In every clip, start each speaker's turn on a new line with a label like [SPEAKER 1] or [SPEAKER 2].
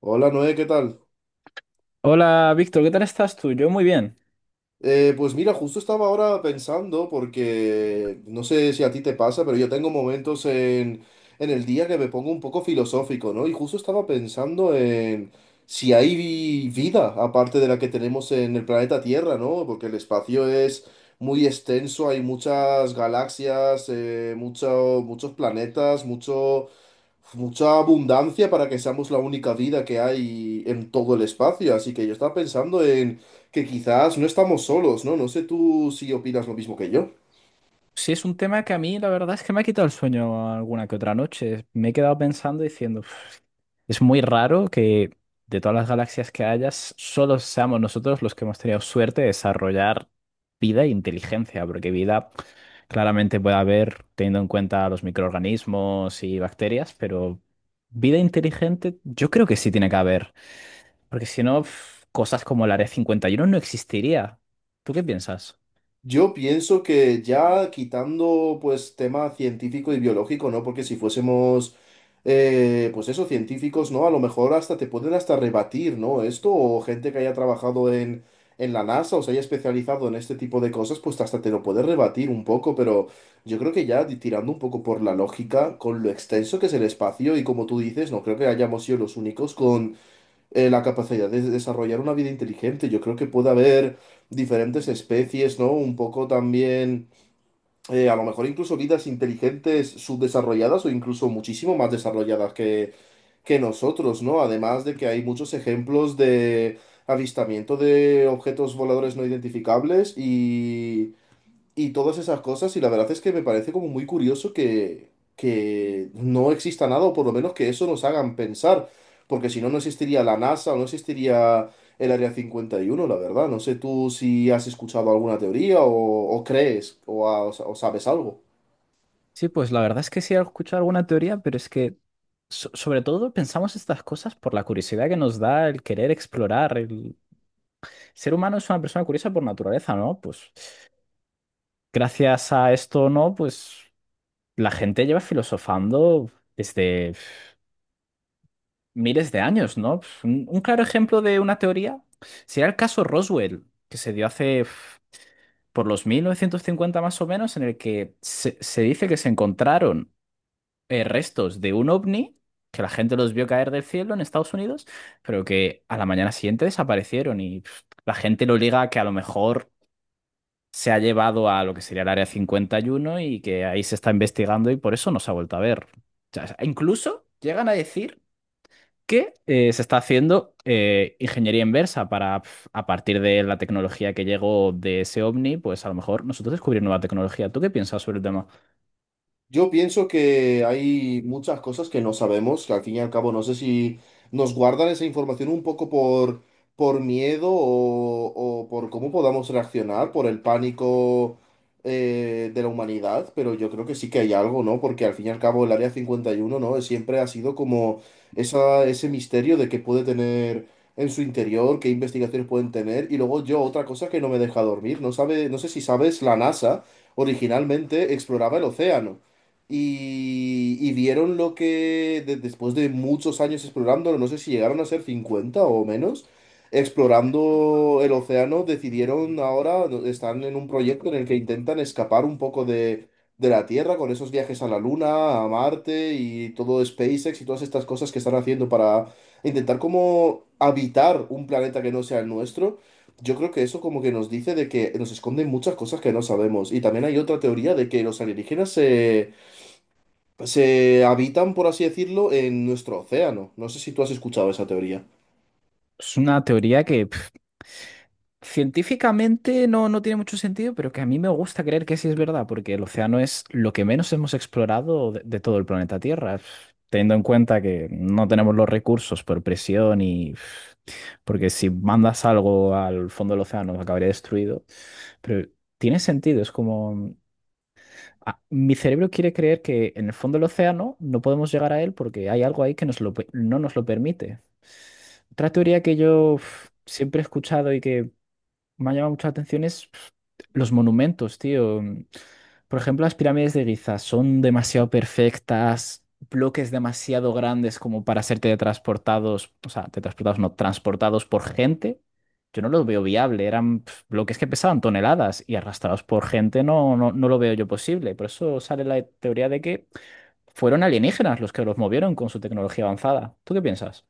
[SPEAKER 1] Hola Noé, ¿qué tal?
[SPEAKER 2] Hola Víctor, ¿qué tal estás tú? Yo muy bien.
[SPEAKER 1] Pues mira, justo estaba ahora pensando porque no sé si a ti te pasa, pero yo tengo momentos en el día que me pongo un poco filosófico, ¿no? Y justo estaba pensando en si hay vida aparte de la que tenemos en el planeta Tierra, ¿no? Porque el espacio es muy extenso, hay muchas galaxias, muchos planetas, mucha abundancia para que seamos la única vida que hay en todo el espacio. Así que yo estaba pensando en que quizás no estamos solos, ¿no? No sé tú si opinas lo mismo que yo.
[SPEAKER 2] Sí, es un tema que a mí la verdad es que me ha quitado el sueño alguna que otra noche. Me he quedado pensando diciendo, "Uf, es muy raro que de todas las galaxias que hayas, solo seamos nosotros los que hemos tenido suerte de desarrollar vida e inteligencia, porque vida claramente puede haber teniendo en cuenta los microorganismos y bacterias, pero vida inteligente yo creo que sí tiene que haber, porque si no, uf, cosas como el Área 51 no existiría." ¿Tú qué piensas?
[SPEAKER 1] Yo pienso que ya quitando pues tema científico y biológico, ¿no? Porque si fuésemos pues eso, científicos, ¿no? A lo mejor hasta te pueden hasta rebatir, ¿no? Esto o gente que haya trabajado en la NASA o se haya especializado en este tipo de cosas, pues hasta te lo puede rebatir un poco, pero yo creo que ya tirando un poco por la lógica, con lo extenso que es el espacio y como tú dices, no creo que hayamos sido los únicos con la capacidad de desarrollar una vida inteligente. Yo creo que puede haber diferentes especies, ¿no? Un poco también, a lo mejor incluso vidas inteligentes subdesarrolladas o incluso muchísimo más desarrolladas que nosotros, ¿no? Además de que hay muchos ejemplos de avistamiento de objetos voladores no identificables y todas esas cosas, y la verdad es que me parece como muy curioso que no exista nada, o por lo menos que eso nos hagan pensar, porque si no, no existiría la NASA, o no existiría el Área 51 la verdad. No sé tú si has escuchado alguna teoría o crees o sabes algo.
[SPEAKER 2] Sí, pues la verdad es que sí he escuchado alguna teoría, pero es que sobre todo pensamos estas cosas por la curiosidad que nos da el querer explorar. El ser humano es una persona curiosa por naturaleza, ¿no? Pues gracias a esto, ¿no? Pues la gente lleva filosofando desde, miles de años, ¿no? Pf, un claro ejemplo de una teoría sería el caso Roswell, que se dio hace, por los 1950 más o menos, en el que se dice que se encontraron, restos de un ovni, que la gente los vio caer del cielo en Estados Unidos, pero que a la mañana siguiente desaparecieron y, la gente lo liga a que a lo mejor se ha llevado a lo que sería el Área 51 y uno, y que ahí se está investigando y por eso no se ha vuelto a ver. O sea, incluso llegan a decir que, se está haciendo, ingeniería inversa para, a partir de la tecnología que llegó de ese ovni, pues a lo mejor nosotros descubrir nueva tecnología. ¿Tú qué piensas sobre el tema?
[SPEAKER 1] Yo pienso que hay muchas cosas que no sabemos, que al fin y al cabo no sé si nos guardan esa información un poco por miedo o por cómo podamos reaccionar, por el pánico de la humanidad, pero yo creo que sí que hay algo, ¿no? Porque al fin y al cabo el Área 51, ¿no? Siempre ha sido como ese misterio de qué puede tener en su interior, qué investigaciones pueden tener, y luego yo otra cosa que no me deja dormir, no sé si sabes, la NASA originalmente exploraba el océano y vieron lo que después de muchos años explorándolo, no sé si llegaron a ser 50 o menos, explorando el océano, decidieron ahora, están en un proyecto en el que intentan escapar un poco de la Tierra con esos viajes a la Luna, a Marte y todo SpaceX y todas estas cosas que están haciendo para intentar como habitar un planeta que no sea el nuestro. Yo creo que eso como que nos dice de que nos esconden muchas cosas que no sabemos. Y también hay otra teoría de que los alienígenas se habitan, por así decirlo, en nuestro océano. No sé si tú has escuchado esa teoría.
[SPEAKER 2] Es una teoría que científicamente no, no tiene mucho sentido, pero que a mí me gusta creer que sí es verdad, porque el océano es lo que menos hemos explorado de todo el planeta Tierra, teniendo en cuenta que no tenemos los recursos por presión, y porque si mandas algo al fondo del océano acabaría destruido, pero tiene sentido, es como... ah, mi cerebro quiere creer que en el fondo del océano no podemos llegar a él porque hay algo ahí que nos lo no nos lo permite. Otra teoría que yo, uf, siempre he escuchado y que me ha llamado mucho la atención es, los monumentos, tío. Por ejemplo, las pirámides de Giza son demasiado perfectas, bloques demasiado grandes como para ser teletransportados, o sea, teletransportados no, transportados por gente. Yo no los veo viable, eran, bloques que pesaban toneladas, y arrastrados por gente no, no, no lo veo yo posible. Por eso sale la teoría de que fueron alienígenas los que los movieron con su tecnología avanzada. ¿Tú qué piensas?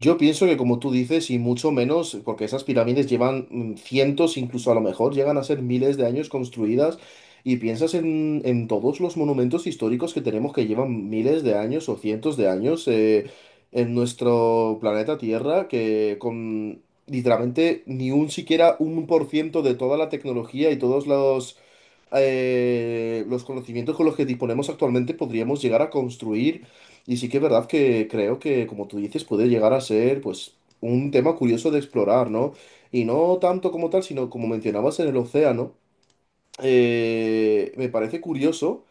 [SPEAKER 1] Yo pienso que, como tú dices, y mucho menos, porque esas pirámides llevan cientos, incluso a lo mejor llegan a ser miles de años construidas, y piensas en todos los monumentos históricos que tenemos que llevan miles de años o cientos de años en nuestro planeta Tierra, que con literalmente ni un siquiera 1% de toda la tecnología y todos los conocimientos con los que disponemos actualmente podríamos llegar a construir. Y sí que es verdad que creo que, como tú dices, puede llegar a ser, pues, un tema curioso de explorar, ¿no? Y no tanto como tal, sino como mencionabas en el océano. Me parece curioso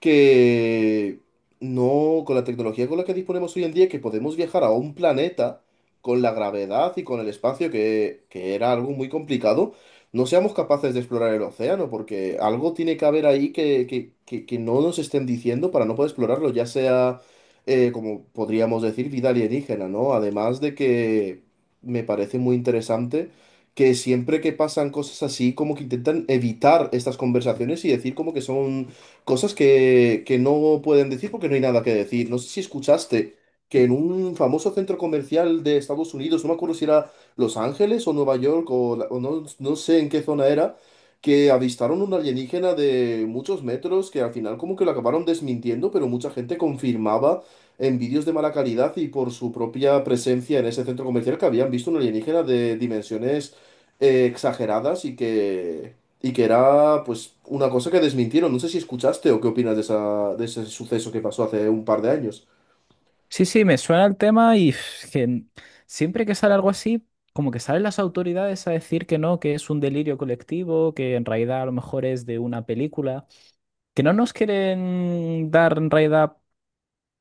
[SPEAKER 1] que no, con la tecnología con la que disponemos hoy en día, que podemos viajar a un planeta con la gravedad y con el espacio, que era algo muy complicado, no seamos capaces de explorar el océano, porque algo tiene que haber ahí que no nos estén diciendo para no poder explorarlo, ya sea, como podríamos decir, vida alienígena, ¿no? Además de que me parece muy interesante que siempre que pasan cosas así, como que intentan evitar estas conversaciones y decir como que son cosas que no pueden decir porque no hay nada que decir. No sé si escuchaste que en un famoso centro comercial de Estados Unidos, no me acuerdo si era Los Ángeles o Nueva York o no, no sé en qué zona era, que avistaron un alienígena de muchos metros que al final como que lo acabaron desmintiendo, pero mucha gente confirmaba en vídeos de mala calidad y por su propia presencia en ese centro comercial que habían visto un alienígena de dimensiones exageradas y que y que era, pues, una cosa que desmintieron. No sé si escuchaste o qué opinas de ese suceso que pasó hace un par de años.
[SPEAKER 2] Sí, sí, me suena el tema, y siempre que sale algo así, como que salen las autoridades a decir que no, que es un delirio colectivo, que en realidad a lo mejor es de una película, que no nos quieren dar en realidad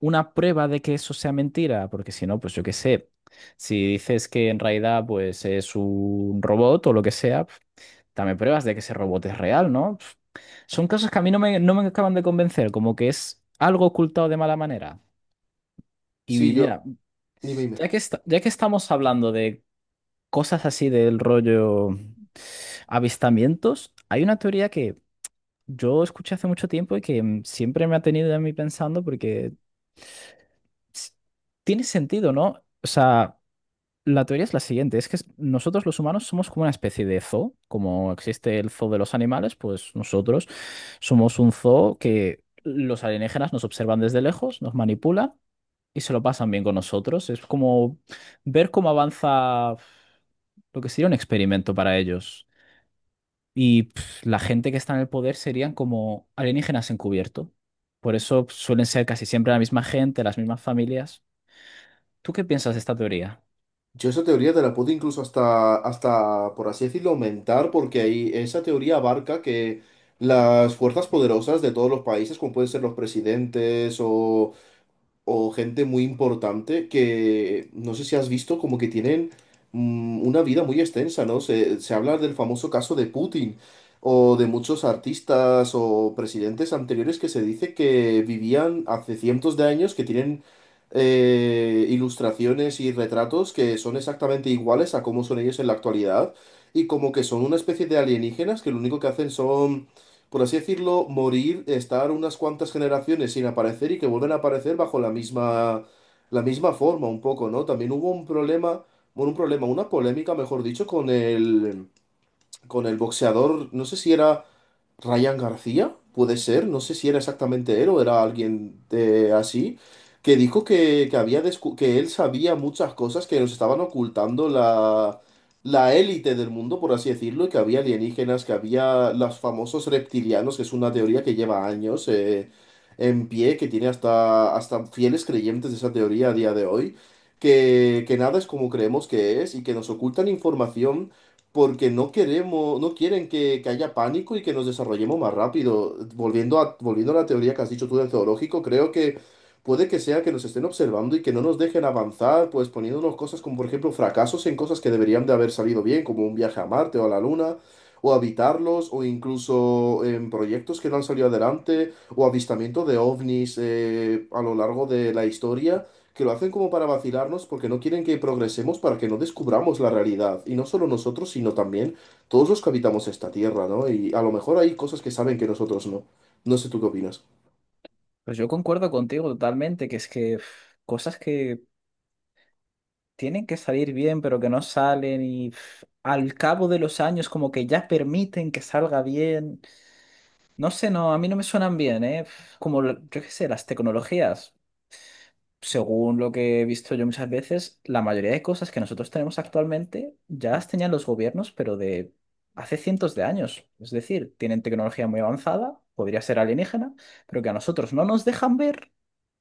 [SPEAKER 2] una prueba de que eso sea mentira, porque si no, pues yo qué sé, si dices que en realidad pues es un robot o lo que sea, dame pruebas de que ese robot es real, ¿no? Son cosas que a mí no me, no me acaban de convencer, como que es algo ocultado de mala manera. Y
[SPEAKER 1] Sí, yo,
[SPEAKER 2] mira,
[SPEAKER 1] dime, dime.
[SPEAKER 2] ya que estamos hablando de cosas así, del rollo avistamientos, hay una teoría que yo escuché hace mucho tiempo y que, siempre me ha tenido a mí pensando porque, s- tiene sentido, ¿no? O sea, la teoría es la siguiente, es que nosotros los humanos somos como una especie de zoo; como existe el zoo de los animales, pues nosotros somos un zoo que los alienígenas nos observan desde lejos, nos manipulan y se lo pasan bien con nosotros. Es como ver cómo avanza lo que sería un experimento para ellos. Y, la gente que está en el poder serían como alienígenas encubierto. Por eso suelen ser casi siempre la misma gente, las mismas familias. ¿Tú qué piensas de esta teoría?
[SPEAKER 1] Yo esa teoría te la puedo incluso hasta, por así decirlo, aumentar, porque ahí esa teoría abarca que las fuerzas poderosas de todos los países, como pueden ser los presidentes o gente muy importante que no sé si has visto como que tienen una vida muy extensa, ¿no? Se habla del famoso caso de Putin o de muchos artistas o presidentes anteriores que se dice que vivían hace cientos de años, que tienen ilustraciones y retratos que son exactamente iguales a cómo son ellos en la actualidad y como que son una especie de alienígenas que lo único que hacen son, por así decirlo, morir, estar unas cuantas generaciones sin aparecer y que vuelven a aparecer bajo la misma forma, un poco, ¿no? También hubo un problema, bueno, un problema, una polémica, mejor dicho, con el boxeador, no sé si era Ryan García, puede ser, no sé si era exactamente él o era alguien así, que dijo que él sabía muchas cosas que nos estaban ocultando la élite del mundo, por así decirlo, y que había alienígenas, que había los famosos reptilianos, que es una teoría que lleva años en pie, que tiene hasta, hasta fieles creyentes de esa teoría a día de hoy, que nada es como creemos que es y que nos ocultan información porque no quieren que haya pánico y que nos desarrollemos más rápido. Volviendo a la teoría que has dicho tú del zoológico, creo que puede que sea que nos estén observando y que no nos dejen avanzar, pues poniéndonos cosas como, por ejemplo, fracasos en cosas que deberían de haber salido bien, como un viaje a Marte o a la Luna, o habitarlos, o incluso en proyectos que no han salido adelante, o avistamiento de ovnis a lo largo de la historia que lo hacen como para vacilarnos porque no quieren que progresemos para que no descubramos la realidad. Y no solo nosotros, sino también todos los que habitamos esta tierra, ¿no? Y a lo mejor hay cosas que saben que nosotros no. No sé tú qué opinas.
[SPEAKER 2] Pues yo concuerdo contigo totalmente, que es que, cosas que tienen que salir bien, pero que no salen, y al cabo de los años como que ya permiten que salga bien. No sé, no, a mí no me suenan bien, ¿eh? Como, yo qué sé, las tecnologías, según lo que he visto yo muchas veces, la mayoría de cosas que nosotros tenemos actualmente ya las tenían los gobiernos, pero de hace cientos de años. Es decir, tienen tecnología muy avanzada, podría ser alienígena, pero que a nosotros no nos dejan ver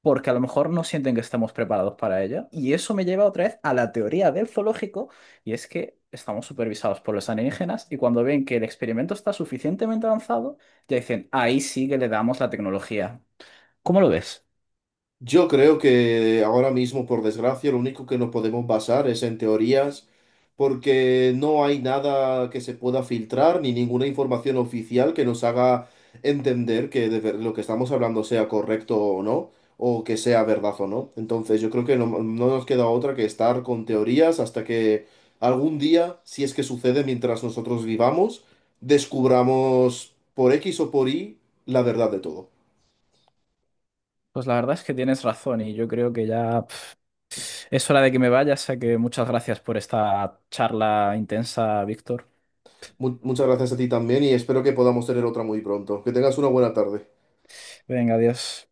[SPEAKER 2] porque a lo mejor no sienten que estamos preparados para ella. Y eso me lleva otra vez a la teoría del zoológico, y es que estamos supervisados por los alienígenas, y cuando ven que el experimento está suficientemente avanzado, ya dicen, ahí sí que le damos la tecnología. ¿Cómo lo ves?
[SPEAKER 1] Yo creo que ahora mismo, por desgracia, lo único que nos podemos basar es en teorías, porque no hay nada que se pueda filtrar ni ninguna información oficial que nos haga entender que lo que estamos hablando sea correcto o no, o que sea verdad o no. Entonces, yo creo que no nos queda otra que estar con teorías hasta que algún día, si es que sucede mientras nosotros vivamos, descubramos por X o por Y la verdad de todo.
[SPEAKER 2] Pues la verdad es que tienes razón y yo creo que ya, es hora de que me vaya, así que muchas gracias por esta charla intensa, Víctor.
[SPEAKER 1] Muchas gracias a ti también y espero que podamos tener otra muy pronto. Que tengas una buena tarde.
[SPEAKER 2] Venga, adiós.